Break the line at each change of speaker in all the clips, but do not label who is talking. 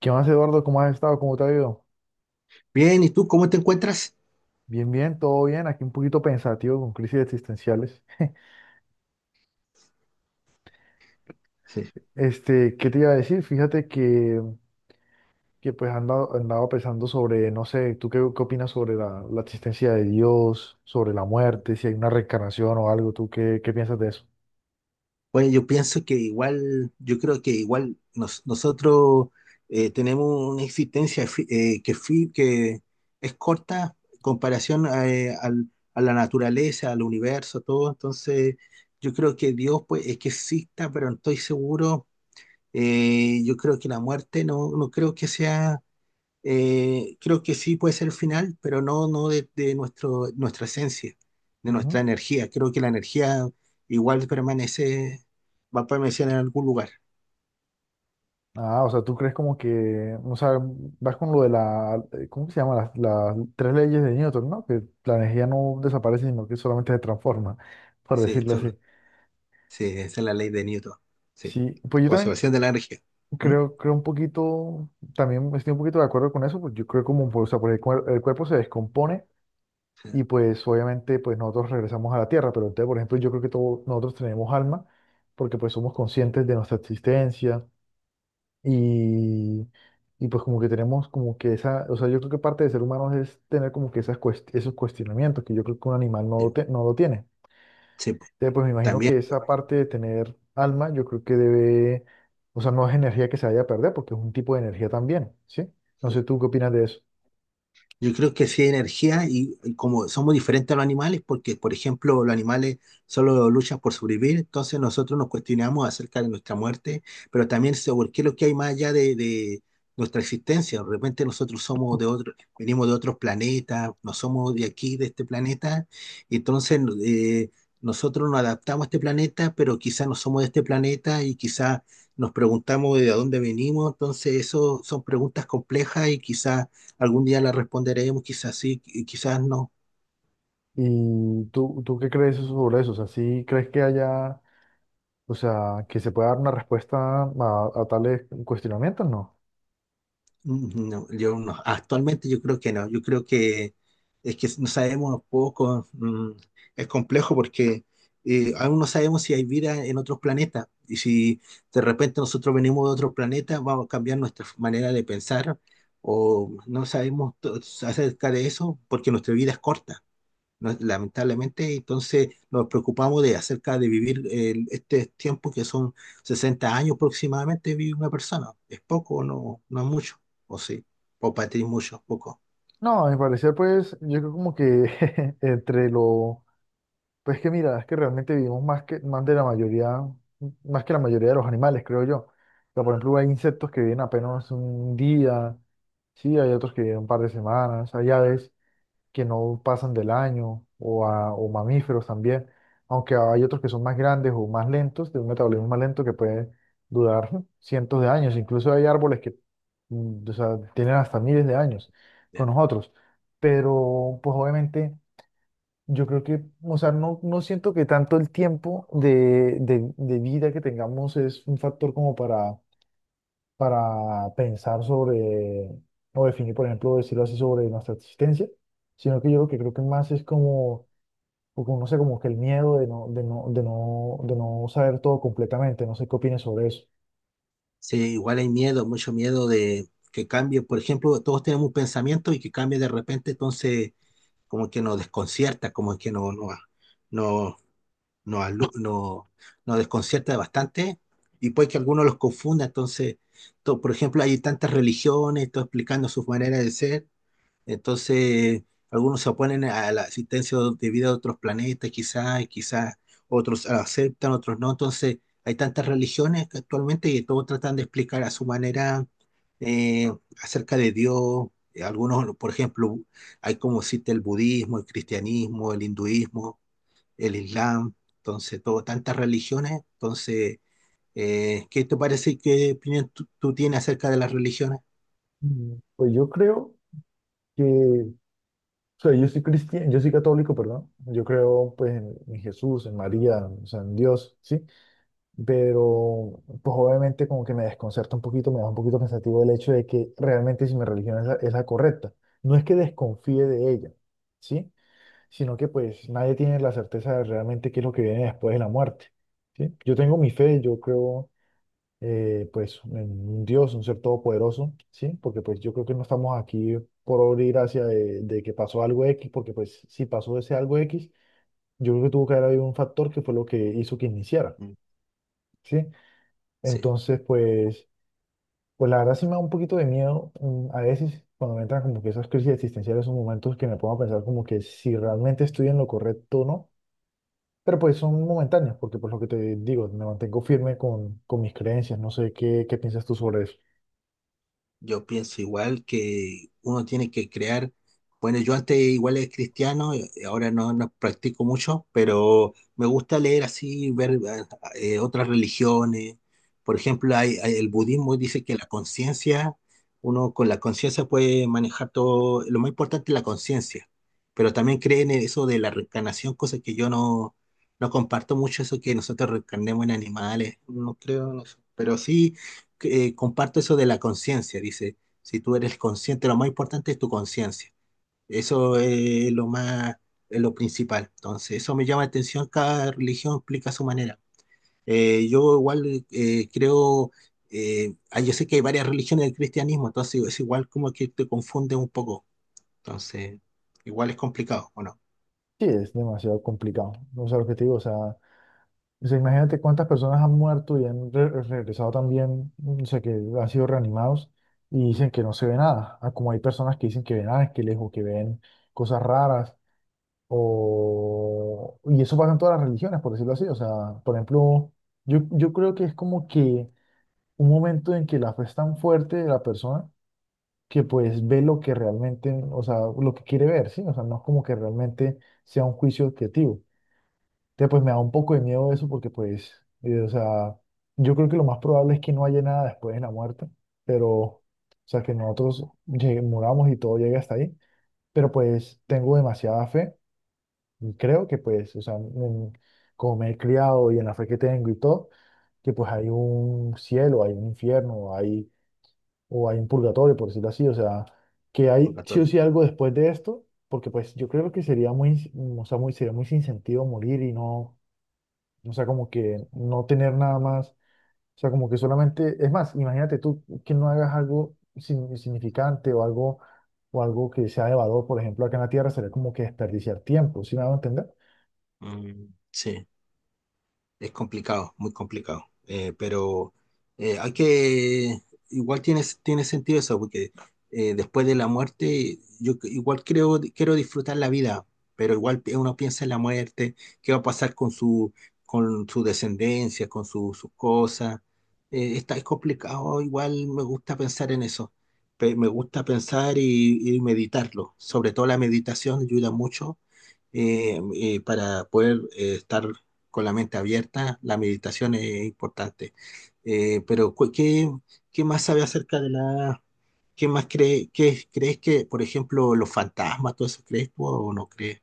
¿Qué más, Eduardo? ¿Cómo has estado? ¿Cómo te ha ido?
Bien, ¿y tú cómo te encuentras?
Bien, bien, todo bien. Aquí un poquito pensativo con crisis existenciales.
Sí.
Este, ¿qué te iba a decir? Fíjate que, andaba pensando sobre, no sé. ¿Tú qué opinas sobre la existencia de Dios, sobre la muerte, si hay una reencarnación o algo? ¿Tú qué piensas de eso?
Bueno, yo pienso que igual, yo creo que igual nosotros tenemos una existencia que es corta en comparación a, a la naturaleza, al universo, todo. Entonces, yo creo que Dios, pues, es que exista, pero no estoy seguro. Yo creo que la muerte no creo que sea. Creo que sí puede ser el final, pero no, no de, de nuestra esencia, de
Ujú.
nuestra energía. Creo que la energía igual permanece, va a permanecer en algún lugar.
Ah, o sea, ¿tú crees como que, o sea, vas con lo de la, cómo se llama? Las tres leyes de Newton, ¿no? Que la energía no desaparece, sino que solamente se transforma, por
Sí,
decirlo así.
solo, sí, esa es la ley de Newton. Sí,
Sí, pues yo también.
conservación de la energía. ¿Mm?
Creo un poquito, también estoy un poquito de acuerdo con eso, pues yo creo como, pues, o sea, porque el cuerpo se descompone
Sí,
y pues obviamente pues nosotros regresamos a la tierra, pero entonces, por ejemplo, yo creo que todos nosotros tenemos alma porque pues somos conscientes de nuestra existencia y, y pues como que tenemos como que esa, o sea, yo creo que parte de ser humano es tener como que esas esos cuestionamientos que yo creo que un animal no, no lo tiene.
sí, pues,
Entonces, pues me imagino
también.
que esa parte de tener alma, yo creo que debe, o sea, no es energía que se vaya a perder, porque es un tipo de energía también, ¿sí? No sé, ¿tú qué opinas de eso?
Yo creo que sí hay energía y como somos diferentes a los animales, porque por ejemplo los animales solo luchan por sobrevivir. Entonces nosotros nos cuestionamos acerca de nuestra muerte, pero también sobre qué es lo que hay más allá de nuestra existencia. De repente nosotros somos de otro, venimos de otros planetas, no somos de aquí, de este planeta, y entonces, nosotros nos adaptamos a este planeta, pero quizás no somos de este planeta y quizás nos preguntamos de dónde venimos. Entonces eso son preguntas complejas y quizás algún día la responderemos, quizás sí, quizás no.
¿Y tú qué crees sobre eso? O sea, ¿sí crees que haya, o sea, que se pueda dar una respuesta a tales cuestionamientos? No.
Mm, no, yo no. Actualmente yo creo que no. Yo creo que es que no sabemos poco. Es complejo porque, aún no sabemos si hay vida en otros planetas. Y si de repente nosotros venimos de otro planeta, vamos a cambiar nuestra manera de pensar o no acerca de eso, porque nuestra vida es corta. No, lamentablemente. Entonces nos preocupamos de acerca de vivir este tiempo que son 60 años aproximadamente vive una persona. ¿Es poco o no es mucho? ¿O sí? ¿O para ti es mucho? ¿Poco?
No, a mi parecer, pues, yo creo como que entre lo Pues que mira, es que realmente vivimos más que la mayoría de los animales, creo yo. O sea, por ejemplo, hay insectos que viven apenas un día, sí, hay otros que viven un par de semanas, hay aves que no pasan del año, o, o mamíferos también, aunque hay otros que son más grandes o más lentos, de un metabolismo más lento que puede durar cientos de años. Incluso hay árboles que, o sea, tienen hasta miles de años con
Ya.
nosotros. Pero, pues obviamente. Yo creo que, o sea, no, no siento que tanto el tiempo de vida que tengamos es un factor como para pensar sobre, o definir, por ejemplo, decirlo así, sobre nuestra existencia, sino que yo lo que creo que más es como, como no sé, como que el miedo de no saber todo completamente, no sé qué opinas sobre eso.
Sí, igual hay miedo, mucho miedo de que cambie. Por ejemplo, todos tenemos un pensamiento y que cambie de repente, entonces como que nos desconcierta, como que no, no, no, nos, alu- nos, nos desconcierta bastante y puede que algunos los confunda. Entonces, por ejemplo, hay tantas religiones, todo explicando sus maneras de ser. Entonces, algunos se oponen a la existencia de vida de otros planetas, quizás, y quizás otros la aceptan, otros no. Entonces, hay tantas religiones que actualmente y todos tratan de explicar a su manera, eh, acerca de Dios. Algunos, por ejemplo, hay como existe el budismo, el cristianismo, el hinduismo, el Islam. Entonces, todo, tantas religiones. Entonces, ¿qué te parece? ¿Qué opinión tú tienes acerca de las religiones?
Pues yo creo que, o sea, yo soy cristiano, yo soy católico, perdón, yo creo pues en Jesús, en María, o sea, en Dios, ¿sí? Pero pues obviamente como que me desconcerta un poquito, me da un poquito pensativo el hecho de que realmente si mi religión es la correcta. No es que desconfíe de ella, ¿sí? Sino que pues nadie tiene la certeza de realmente qué es lo que viene después de la muerte, ¿sí? Yo tengo mi fe, yo creo, pues en un Dios, un ser todopoderoso, ¿sí? Porque pues yo creo que no estamos aquí por abrir hacia de que pasó algo X, porque pues si pasó ese algo X, yo creo que tuvo que haber habido un factor que fue lo que hizo que iniciara,
Mm.
¿sí?
Sí.
Entonces, pues, pues la verdad sí me da un poquito de miedo, a veces cuando me entran como que esas crisis existenciales, son momentos que me pongo a pensar como que si realmente estoy en lo correcto o no, pero pues son momentáneos, porque por lo que te digo, me mantengo firme con mis creencias, no sé qué piensas tú sobre eso.
Yo pienso igual que uno tiene que crear, bueno, yo antes igual era cristiano, ahora no, no practico mucho, pero me gusta leer así, ver otras religiones. Por ejemplo, el budismo dice que la conciencia, uno con la conciencia puede manejar todo, lo más importante es la conciencia, pero también creen en eso de la reencarnación, cosa que yo no, no comparto mucho, eso que nosotros reencarnemos en animales, no creo en eso, pero sí, comparto eso de la conciencia, dice, si tú eres consciente, lo más importante es tu conciencia. Eso es lo más, es lo principal. Entonces, eso me llama la atención, cada religión explica a su manera. Yo igual yo sé que hay varias religiones del cristianismo, entonces es igual como que te confunde un poco. Entonces, igual es complicado, ¿o no?
Sí, es demasiado complicado, no sé lo que te digo, o sea, imagínate cuántas personas han muerto y han regresado también, o sea, que han sido reanimados y dicen que no se ve nada. Ah, como hay personas que dicen que ven ángeles o que ven cosas raras. O, y eso pasa en todas las religiones, por decirlo así. O sea, por ejemplo, yo creo que es como que un momento en que la fe es tan fuerte de la persona que pues ve lo que realmente, o sea, lo que quiere ver, ¿sí? O sea, no es como que realmente sea un juicio objetivo. Entonces, pues me da un poco de miedo eso porque pues, o sea, yo creo que lo más probable es que no haya nada después de la muerte, pero, o sea, que nosotros muramos y todo llegue hasta ahí, pero pues tengo demasiada fe y creo que pues, o sea, como me he criado y en la fe que tengo y todo, que pues hay un cielo, hay un infierno, o hay un purgatorio, por decirlo así, o sea, que
Por
hay sí o
católico.
sí algo después de esto, porque pues yo creo que sería o sea, muy, sería muy sin sentido morir y no, o sea, como que no tener nada más, o sea, como que solamente, es más, imagínate tú que no hagas algo significante o algo que sea de valor, por ejemplo, acá en la Tierra, sería como que desperdiciar tiempo, ¿sí me a entender?
Mm, sí. Es complicado, muy complicado. Pero, eh, hay que, igual tiene sentido eso, porque, después de la muerte, yo igual creo, quiero disfrutar la vida, pero igual uno piensa en la muerte, qué va a pasar con su descendencia, con sus cosas. Es complicado, igual me gusta pensar en eso. Me gusta pensar y meditarlo. Sobre todo la meditación ayuda mucho, para poder estar con la mente abierta, la meditación es importante. Pero, ¿qué, qué más sabe acerca de la... ¿Qué más cree, qué, crees que, por ejemplo, los fantasmas, todo eso, crees tú o no crees?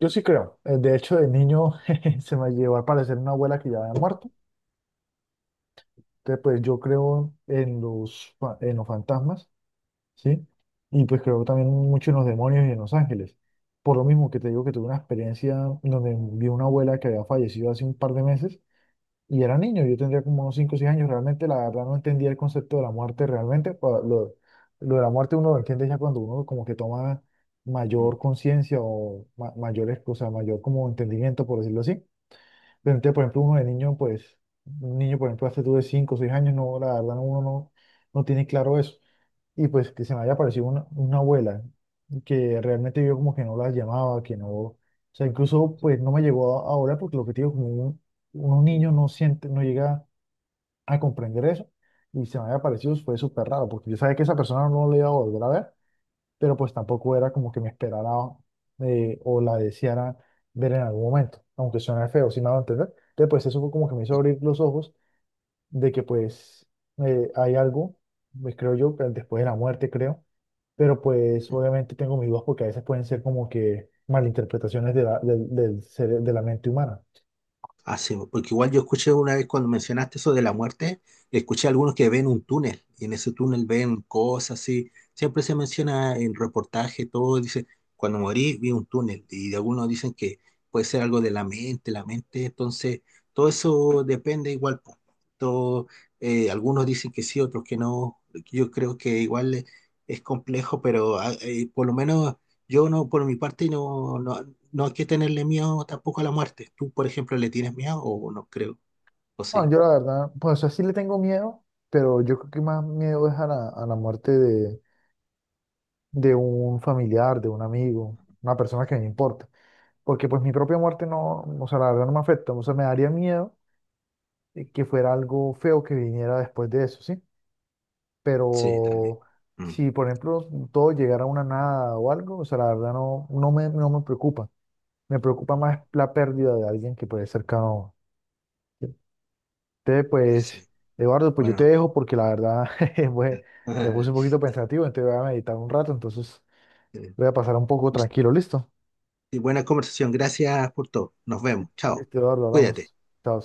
Yo sí creo. De hecho, de niño se me llevó al parecer una abuela que ya había muerto. Entonces, pues yo creo en los fantasmas, ¿sí? Y pues creo también mucho en los demonios y en los ángeles. Por lo mismo que te digo que tuve una experiencia donde vi una abuela que había fallecido hace un par de meses y era niño, yo tendría como unos 5 o 6 años. Realmente, la verdad, no entendía el concepto de la muerte realmente. Lo de la muerte uno lo entiende ya cuando uno como que toma mayor conciencia o o sea, mayor como entendimiento, por decirlo así. Pero entonces, por ejemplo, uno de niño, pues, un niño, por ejemplo, hace tú de 5 o 6 años, no, la verdad, no, uno no, no tiene claro eso. Y pues que se me haya aparecido una abuela que realmente yo como que no la llamaba, que no, o sea, incluso pues no me llegó a orar porque lo que te digo, como unos niños no siente, no llega a comprender eso. Y se me había aparecido fue súper raro porque yo sabía que esa persona no le iba a volver a ver, pero pues tampoco era como que me esperara, o la deseara ver en algún momento, aunque suene feo, si me hago entender. Entonces, pues eso fue como que me hizo abrir los ojos de que pues, hay algo, pues creo yo, que después de la muerte, creo, pero pues
Mm.
obviamente tengo mis dudas porque a veces pueden ser como que malinterpretaciones de la, del, del cere- de la mente humana.
Ah, sí, porque igual yo escuché una vez cuando mencionaste eso de la muerte, escuché a algunos que ven un túnel y en ese túnel ven cosas así. Siempre se menciona en reportaje, todo dice, cuando morí vi un túnel y algunos dicen que puede ser algo de la mente. Entonces todo eso depende igual. Po. Todo, algunos dicen que sí, otros que no. Yo creo que igual, es complejo, pero por lo menos yo no, por mi parte, no hay que tenerle miedo tampoco a la muerte. ¿Tú, por ejemplo, le tienes miedo o no creo? ¿O
No,
sí?
yo la verdad, pues así le tengo miedo, pero yo creo que más miedo es a a la muerte de un familiar, de un amigo, una persona que me importa. Porque pues mi propia muerte no, o sea, la verdad no me afecta, o sea, me daría miedo, que fuera algo feo que viniera después de eso, ¿sí?
Sí, también.
Pero
Mm.
si, por ejemplo, todo llegara a una nada o algo, o sea, la verdad no me preocupa, me preocupa
Ujú.
más la pérdida de alguien que puede ser cercano. Entonces,
Sí.
pues, Eduardo, pues yo te
Bueno.
dejo porque la verdad jeje, pues, me puse un poquito pensativo, entonces voy a meditar un rato, entonces
Sí.
voy a pasar un poco
Pues,
tranquilo, ¿listo?
sí, buena conversación. Gracias por todo. Nos vemos. Chao.
Listo, Eduardo,
Cuídate.
hablamos. Chao.